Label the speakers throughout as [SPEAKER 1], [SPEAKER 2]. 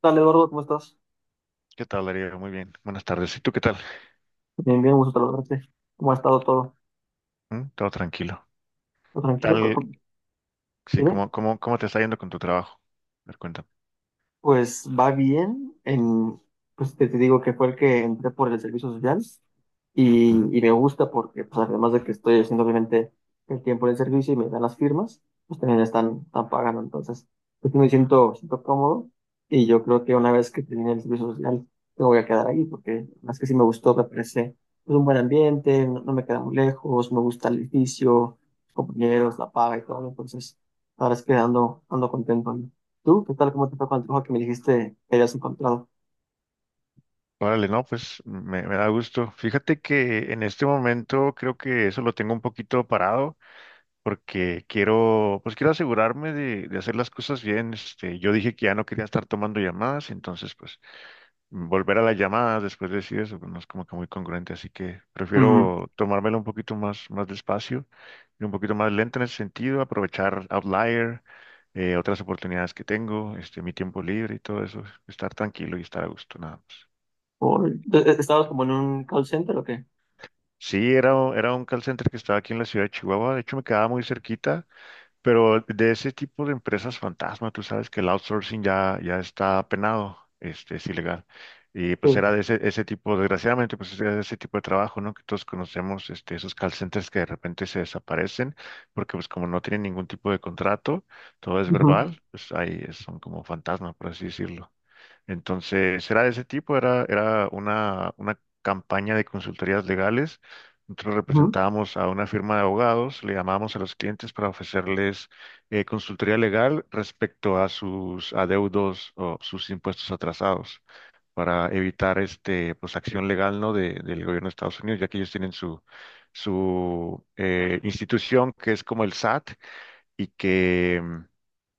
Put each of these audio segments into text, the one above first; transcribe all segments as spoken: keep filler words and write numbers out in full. [SPEAKER 1] Tal, Eduardo? ¿Cómo estás?
[SPEAKER 2] ¿Qué tal, Darío? Muy bien. Buenas tardes. ¿Y tú qué tal?
[SPEAKER 1] Bien, bien, gusto saludarte. ¿Cómo ha estado todo?
[SPEAKER 2] ¿Mm? ¿Todo tranquilo?
[SPEAKER 1] ¿Todo tranquilo? ¿Cómo-
[SPEAKER 2] Tal,
[SPEAKER 1] cómo-
[SPEAKER 2] sí,
[SPEAKER 1] Dime.
[SPEAKER 2] ¿cómo, cómo, cómo te está yendo con tu trabajo? A ver, cuéntame.
[SPEAKER 1] Pues va bien. En, pues te, te digo que fue el que entré por el servicio social.
[SPEAKER 2] Ujú.
[SPEAKER 1] Y, y me gusta porque, pues, además de que estoy haciendo obviamente el tiempo en el servicio y me dan las firmas, pues también están, están pagando. Entonces, pues me siento, siento cómodo y yo creo que una vez que termine el servicio social, me voy a quedar ahí porque más que sí me gustó, me parece pues, un buen ambiente, no, no me queda muy lejos, me gusta el edificio, los compañeros, la paga y todo. Entonces, ahora es que ando, ando contento. ¿No? ¿Tú qué tal? ¿Cómo te fue con el trabajo que me dijiste que habías encontrado?
[SPEAKER 2] Órale, no, pues me, me da gusto. Fíjate que en este momento creo que eso lo tengo un poquito parado porque quiero, pues quiero asegurarme de, de hacer las cosas bien. Este, yo dije que ya no quería estar tomando llamadas, entonces pues volver a las llamadas después de decir eso, pues, no es como que muy congruente, así que
[SPEAKER 1] Ujú.
[SPEAKER 2] prefiero tomármelo un poquito más, más despacio y un poquito más lento en ese sentido, aprovechar Outlier, eh, otras oportunidades que tengo, este, mi tiempo libre y todo eso, estar tranquilo y estar a gusto, nada más.
[SPEAKER 1] ¿O- ¿Estabas como en un call center o qué?
[SPEAKER 2] Sí, era, era un call center que estaba aquí en la ciudad de Chihuahua, de hecho me quedaba muy cerquita. Pero de ese tipo de empresas fantasma, tú sabes que el outsourcing ya, ya está penado, este, es ilegal. Y pues
[SPEAKER 1] Sí.
[SPEAKER 2] era de ese, ese tipo, desgraciadamente, pues era de ese tipo de trabajo, ¿no? Que todos conocemos, este, esos call centers que de repente se desaparecen, porque pues como no tienen ningún tipo de contrato, todo es
[SPEAKER 1] Ujú,
[SPEAKER 2] verbal, pues ahí son como fantasma, por así decirlo. Entonces, era de ese tipo, era, era una, una campaña de consultorías legales. Nosotros
[SPEAKER 1] ujú,
[SPEAKER 2] representábamos a una firma de abogados, le llamábamos a los clientes para ofrecerles eh, consultoría legal respecto a sus adeudos o sus impuestos atrasados, para evitar este, pues, acción legal, ¿no? De- del gobierno de Estados Unidos, ya que ellos tienen su, su eh, institución que es como el S A T y que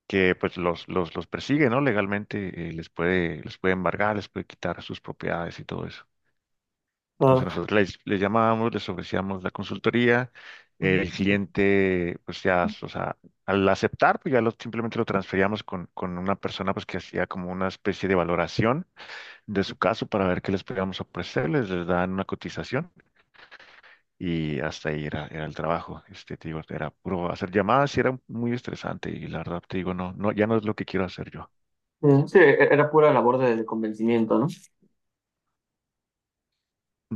[SPEAKER 2] que pues los, los, los persigue, ¿no? Legalmente eh, les puede, les puede embargar, les puede quitar sus propiedades y todo eso. Entonces
[SPEAKER 1] ah,
[SPEAKER 2] nosotros les, les llamábamos, les ofrecíamos la consultoría, eh, el
[SPEAKER 1] ujú.
[SPEAKER 2] cliente pues ya, o sea, al aceptar pues ya lo, simplemente lo transferíamos con, con una persona pues que hacía como una especie de valoración de su caso para ver qué les podíamos ofrecer, les, les dan una cotización. Y hasta ahí era, era el trabajo, este, te digo, era puro hacer llamadas y era muy estresante y la verdad te digo, no, no, ya no es lo que quiero hacer yo.
[SPEAKER 1] Eh, Sí, e- era pura labor de, de convencimiento, ¿no?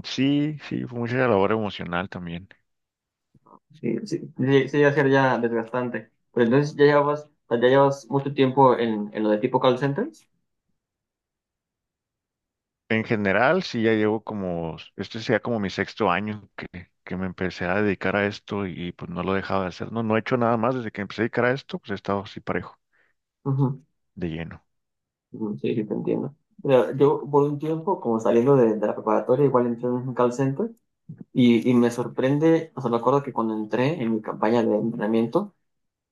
[SPEAKER 2] Sí, sí, fue mucha labor emocional también.
[SPEAKER 1] Sí, sí, sí, sí, iba a ser ya desgastante. Pero entonces ya llevas, ya llevas mucho tiempo en, en lo de tipo call centers.
[SPEAKER 2] En general, sí, ya llevo como, este sea como mi sexto año que, que me empecé a dedicar a esto y pues no lo he dejado de hacer. No, no he hecho nada más desde que empecé a dedicar a esto, pues he estado así parejo,
[SPEAKER 1] Ujú,
[SPEAKER 2] de lleno.
[SPEAKER 1] ujú, sí, sí, te entiendo. Mira, yo por un tiempo, como saliendo de, de la preparatoria, igual entré en un call center y, y me sorprende, o sea, me acuerdo que cuando entré en mi campaña de entrenamiento,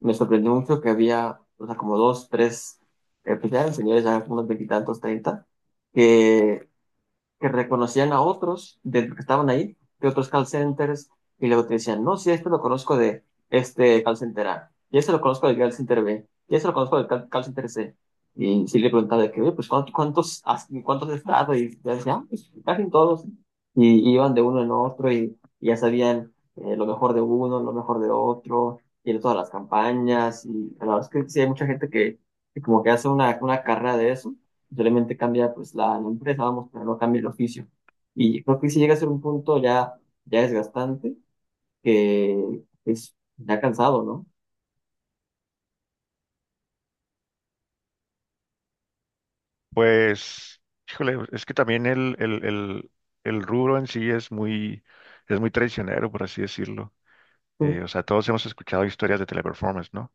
[SPEAKER 1] me sorprendió mucho que había, o sea, como dos, tres, eh, pues ya eran señores, ya unos veintitantos, treinta, que que reconocían a otros de los que estaban ahí, de otros call centers, y luego te decían, no, sí, este lo conozco de este call center A, y este lo conozco del call center B, y este lo conozco del call, call center C. Y sí le preguntaba de que, oye, pues, ¿cuántos, cuántos has, cuántos has estado? Y ya decían, ah, pues, casi todos. Y, y iban de uno en otro y, y ya sabían eh, lo mejor de uno, lo mejor de otro, y de todas las campañas. Y la verdad es que sí hay mucha gente que, que como que hace una, una carrera de eso solamente cambia pues la, la empresa, vamos, pero no cambia el oficio. Y creo que si llega a ser un punto ya, ya desgastante, que es ya cansado, ¿no?
[SPEAKER 2] Pues, híjole, es que también el, el, el, el rubro en sí es muy, es muy traicionero, por así decirlo. Eh, o
[SPEAKER 1] Mm,
[SPEAKER 2] sea, todos hemos escuchado historias de Teleperformance, ¿no?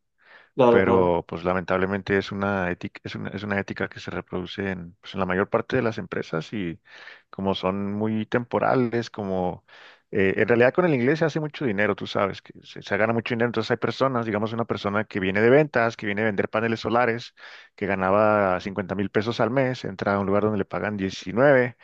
[SPEAKER 1] claro, claro,
[SPEAKER 2] Pero pues lamentablemente es una ética, es una, es una ética que se reproduce en, pues, en la mayor parte de las empresas y como son muy temporales, como eh, en realidad con el inglés se hace mucho dinero, tú sabes, que se, se gana mucho dinero, entonces hay personas, digamos una persona que viene de ventas, que viene a vender paneles solares, que ganaba cincuenta mil pesos al mes, entra a un lugar donde le pagan diecinueve,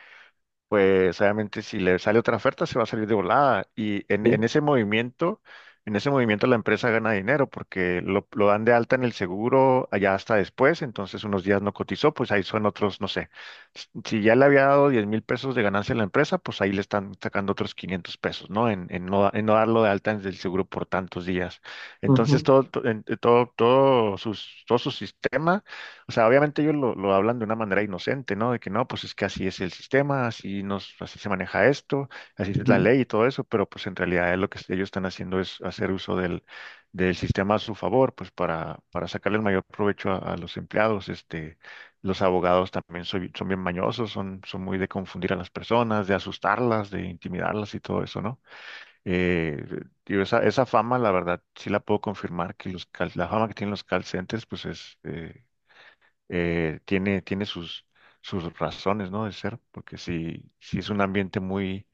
[SPEAKER 2] pues obviamente si le sale otra oferta se va a salir de volada. Y en, en
[SPEAKER 1] sí.
[SPEAKER 2] ese movimiento, en ese movimiento la empresa gana dinero porque lo, lo dan de alta en el seguro allá hasta después, entonces unos días no cotizó, pues ahí son otros, no sé. S- Si ya le había dado diez mil pesos de ganancia a la empresa, pues ahí le están sacando otros quinientos pesos, ¿no? En, en no, da- en no darlo de alta en el seguro por tantos días. Entonces
[SPEAKER 1] Ujú,
[SPEAKER 2] todo, to- en- eh, todo, todo sus, todo su sistema. O sea, obviamente ellos lo, lo hablan de una manera inocente, ¿no? De que no, pues es que así es el sistema, así nos, así se maneja esto, así es la
[SPEAKER 1] ujú.
[SPEAKER 2] ley y todo eso, pero pues en realidad es lo que ellos están haciendo es hacer uso del, del sistema a su favor, pues para, para sacarle el mayor provecho a, a los empleados. Este, los abogados también soy- son bien mañosos, son, son muy de confundir a las personas, de asustarlas, de intimidarlas y todo eso, ¿no? Eh, Digo, esa, esa fama, la verdad, sí la puedo confirmar, que los, call- la fama que tienen los call centers, pues es... eh, eh, tiene, tiene sus, sus razones, ¿no? De ser, porque si, si es un ambiente muy,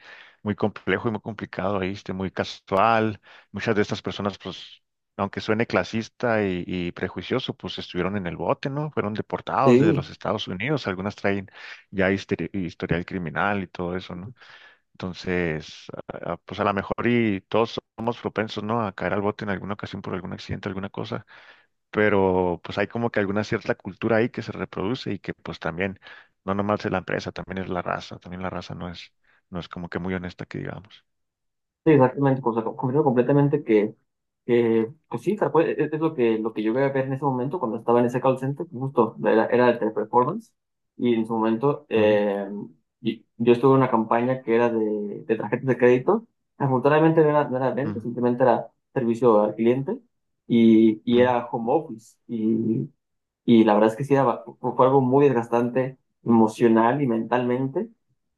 [SPEAKER 2] muy complejo y muy complicado ahí, este, muy casual, muchas de estas personas, pues, aunque suene clasista y, y prejuicioso, pues estuvieron en el bote, ¿no? Fueron deportados desde
[SPEAKER 1] Sí.
[SPEAKER 2] los Estados Unidos, algunas traen ya histori- historial criminal y todo eso, ¿no? Entonces, ah, pues a lo mejor y todos somos propensos, ¿no? A caer al bote en alguna ocasión por algún accidente, alguna cosa, pero pues hay como que alguna cierta cultura ahí que se reproduce y que pues también, no nomás es la empresa, también es la raza, también la raza no es, no es como que muy honesta que digamos.
[SPEAKER 1] Sí, exactamente, pues, o sea, comprendo completamente que, que pues sí, tal cual, es, es lo que, lo que yo voy a ver en ese momento cuando estaba en ese call center, justo era, era el teleperformance, y en su momento
[SPEAKER 2] Ujú,
[SPEAKER 1] eh, y- yo estuve en una campaña que era de, de tarjetas de crédito, afortunadamente no era, no era venta,
[SPEAKER 2] ujú,
[SPEAKER 1] simplemente era servicio al cliente, y, y
[SPEAKER 2] ujú,
[SPEAKER 1] era home office, y la verdad es que sí, era fue algo muy desgastante emocional y mentalmente.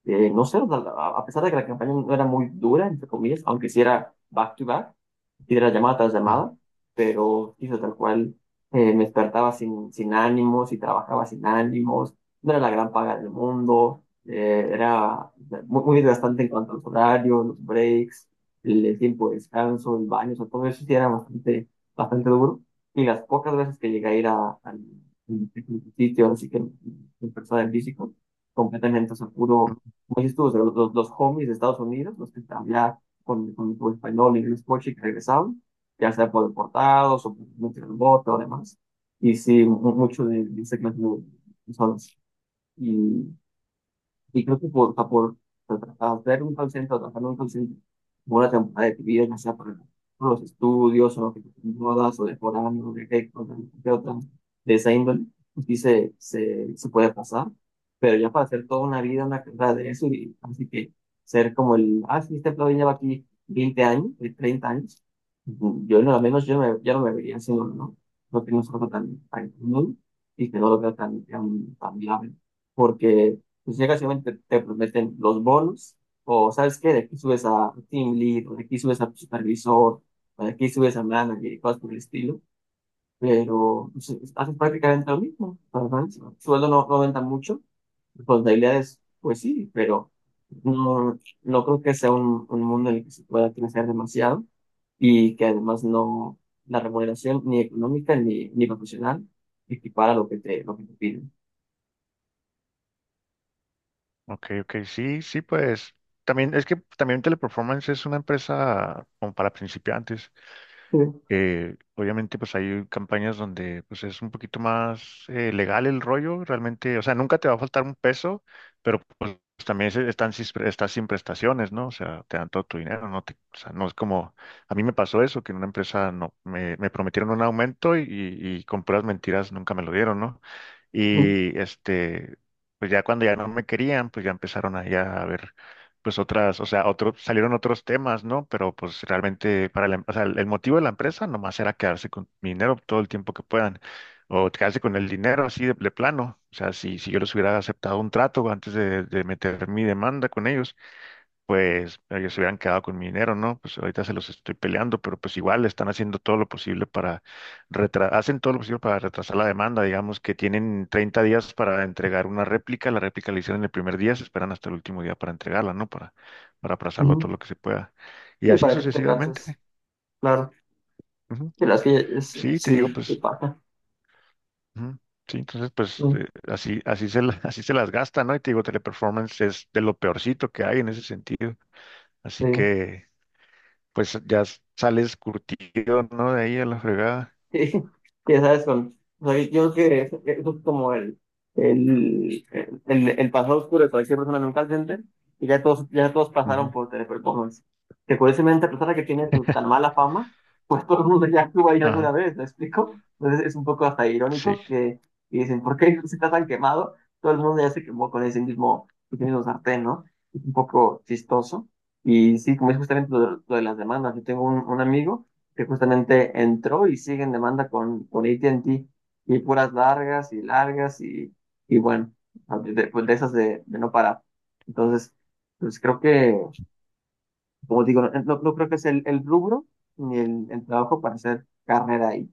[SPEAKER 1] Eh, no sé, o sea, a a pesar de que la campaña no era muy dura, entre comillas, aunque sí era back to back, sí era llamada tras
[SPEAKER 2] ujú,
[SPEAKER 1] llamada, pero hizo tal cual, eh, me despertaba sin, sin ánimos y trabajaba sin ánimos, no era la gran paga del mundo, eh, era muy, muy desgastante en cuanto a los horarios, los breaks, el, el tiempo de descanso, el baño, o sea, todo eso sí era bastante, bastante duro. Y las pocas veces que llegué a ir a, al al sitio, así que en persona en físico, completamente, o sea, puro,
[SPEAKER 2] ujú.
[SPEAKER 1] como dices tú, o sea, los, los, los homies de Estados Unidos, los que hablaban con, con tu español, inglés, coche, que regresaban, ya sea por deportados o por meter el voto, además. Y sí, mu- mucho de, de esa clase de personas. Y creo que por, a por tra- a hacer un call center, a trabajar en un call center, por una temporada de tu vida, ya sea por, por los estudios, o lo que te mudas, o de foráneo, o de qué cosa, de qué otra, de esa índole, pues sí se, se, se puede pasar, pero ya para hacer toda una vida, una carrera de eso, y así que ser como el, ah, sí, este plugin lleva aquí veinte años, eh, treinta años, ujú, yo no, al menos yo, me, yo no me vería haciéndolo, ¿no? No que no es algo tan, tan común y que no lo veo tan, tan, tan viable porque pues llegas y obviamente te, prometen los bonos, o sabes qué, de aquí subes a team lead, o de aquí subes a supervisor, o de aquí subes a manager y cosas por el estilo, pero pues, haces prácticamente lo mismo, ¿verdad? El sueldo no, no aumenta mucho, responsabilidades, pues sí, pero no, no creo que sea un, un mundo en el que se pueda crecer demasiado y que además no, la remuneración ni económica ni, ni profesional equipara lo que te, lo que te piden.
[SPEAKER 2] Ok, ok, sí, sí, pues también es que también Teleperformance es una empresa como para principiantes.
[SPEAKER 1] Sí,
[SPEAKER 2] Eh, obviamente, pues hay campañas donde pues es un poquito más eh, legal el rollo, realmente, o sea, nunca te va a faltar un peso, pero pues también se- están sin, estás sin prestaciones, ¿no? O sea, te dan todo tu dinero, no te, o sea, no es como, a mí me pasó eso, que en una empresa no, me, me prometieron un aumento y, y, y con puras mentiras nunca me lo dieron, ¿no?
[SPEAKER 1] ujú,
[SPEAKER 2] Y este, pues ya cuando ya no me querían, pues ya empezaron ahí a ver, pues otras, o sea, otros, salieron otros temas, ¿no? Pero pues realmente para la, em- o sea, el el motivo de la empresa nomás era quedarse con mi dinero todo el tiempo que puedan, o quedarse con el dinero así de, de plano. O sea, si, si yo les hubiera aceptado un trato antes de, de meter mi demanda con ellos, pues ellos se hubieran quedado con mi dinero, ¿no? Pues ahorita se los estoy peleando, pero pues igual están haciendo todo lo posible para retrasar, hacen todo lo posible para retrasar la demanda, digamos que tienen treinta días para entregar una réplica, la réplica la hicieron el primer día, se esperan hasta el último día para entregarla, ¿no? Para, para aplazarlo
[SPEAKER 1] ujú.
[SPEAKER 2] todo lo que se pueda. Y
[SPEAKER 1] Sí,
[SPEAKER 2] así
[SPEAKER 1] para que tú te canses.
[SPEAKER 2] sucesivamente.
[SPEAKER 1] Claro.
[SPEAKER 2] Ujú.
[SPEAKER 1] De las que es-
[SPEAKER 2] Sí, te digo,
[SPEAKER 1] sí, que
[SPEAKER 2] pues,
[SPEAKER 1] pasa.
[SPEAKER 2] ujú. Sí, entonces pues
[SPEAKER 1] Mm,
[SPEAKER 2] eh, así, así se, la- así se las gasta, ¿no? Y te digo, Teleperformance es de lo peorcito que hay en ese sentido. Así
[SPEAKER 1] sí.
[SPEAKER 2] que pues ya s- sales curtido, ¿no? De ahí a la fregada.
[SPEAKER 1] Sí, ya sabes, con, o sea, yo creo que eso, eso es como el, el, el, el pasado oscuro de cualquier persona en un call center, y ya todos, ya todos pasaron
[SPEAKER 2] Ujú.
[SPEAKER 1] por teleperformance. Que curiosamente, a pesar de que tiene su tan mala fama, pues todo el mundo ya estuvo ahí alguna
[SPEAKER 2] Ajá.
[SPEAKER 1] vez, ¿me explico? Entonces es un poco hasta
[SPEAKER 2] Sí,
[SPEAKER 1] irónico que y dicen, ¿por qué se está tan quemado? Todo el mundo ya se quemó con ese mismo, ese mismo sartén, ¿no? Es un poco chistoso. Y sí, como es justamente lo de, lo de las demandas, yo tengo un un amigo que justamente entró y sigue en demanda con, con A T y T y puras largas y largas y, y bueno, de, pues de esas de, de no parar. Entonces, pues creo que, como digo, no, no- no creo que es el, el rubro ni el, el trabajo para hacer carrera ahí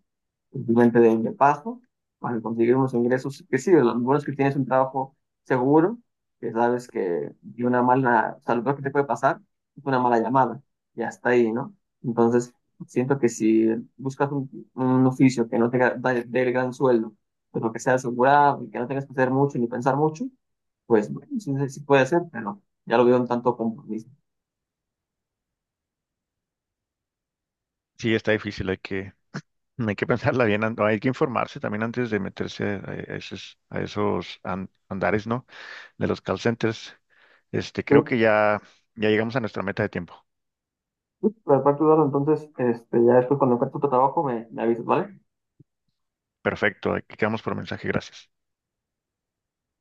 [SPEAKER 1] simplemente de, de paso, para conseguir unos ingresos que sí, lo bueno es que tienes un trabajo seguro, que sabes que de una mala, o sea, lo peor que te puede pasar es una mala llamada, y hasta ahí, ¿no? Entonces, siento que si buscas un, un oficio que no te ga- da- dé el gran sueldo, pero que sea asegurado y que no tengas que hacer mucho ni pensar mucho, pues bueno, sí, sí sí puede ser, pero ya lo veo un tanto compromiso.
[SPEAKER 2] sí, está difícil, hay que, hay que pensarla bien, an- hay que informarse también antes de meterse a, a esos, a esos an- andares, ¿no? De los call centers. Este,
[SPEAKER 1] Sí,
[SPEAKER 2] creo que ya, ya llegamos a nuestra meta de tiempo.
[SPEAKER 1] sí, Por parte, Eduardo, entonces, este, ya después cuando encuentre tu trabajo me, me avisas, ¿vale?
[SPEAKER 2] Perfecto, aquí quedamos por mensaje, gracias.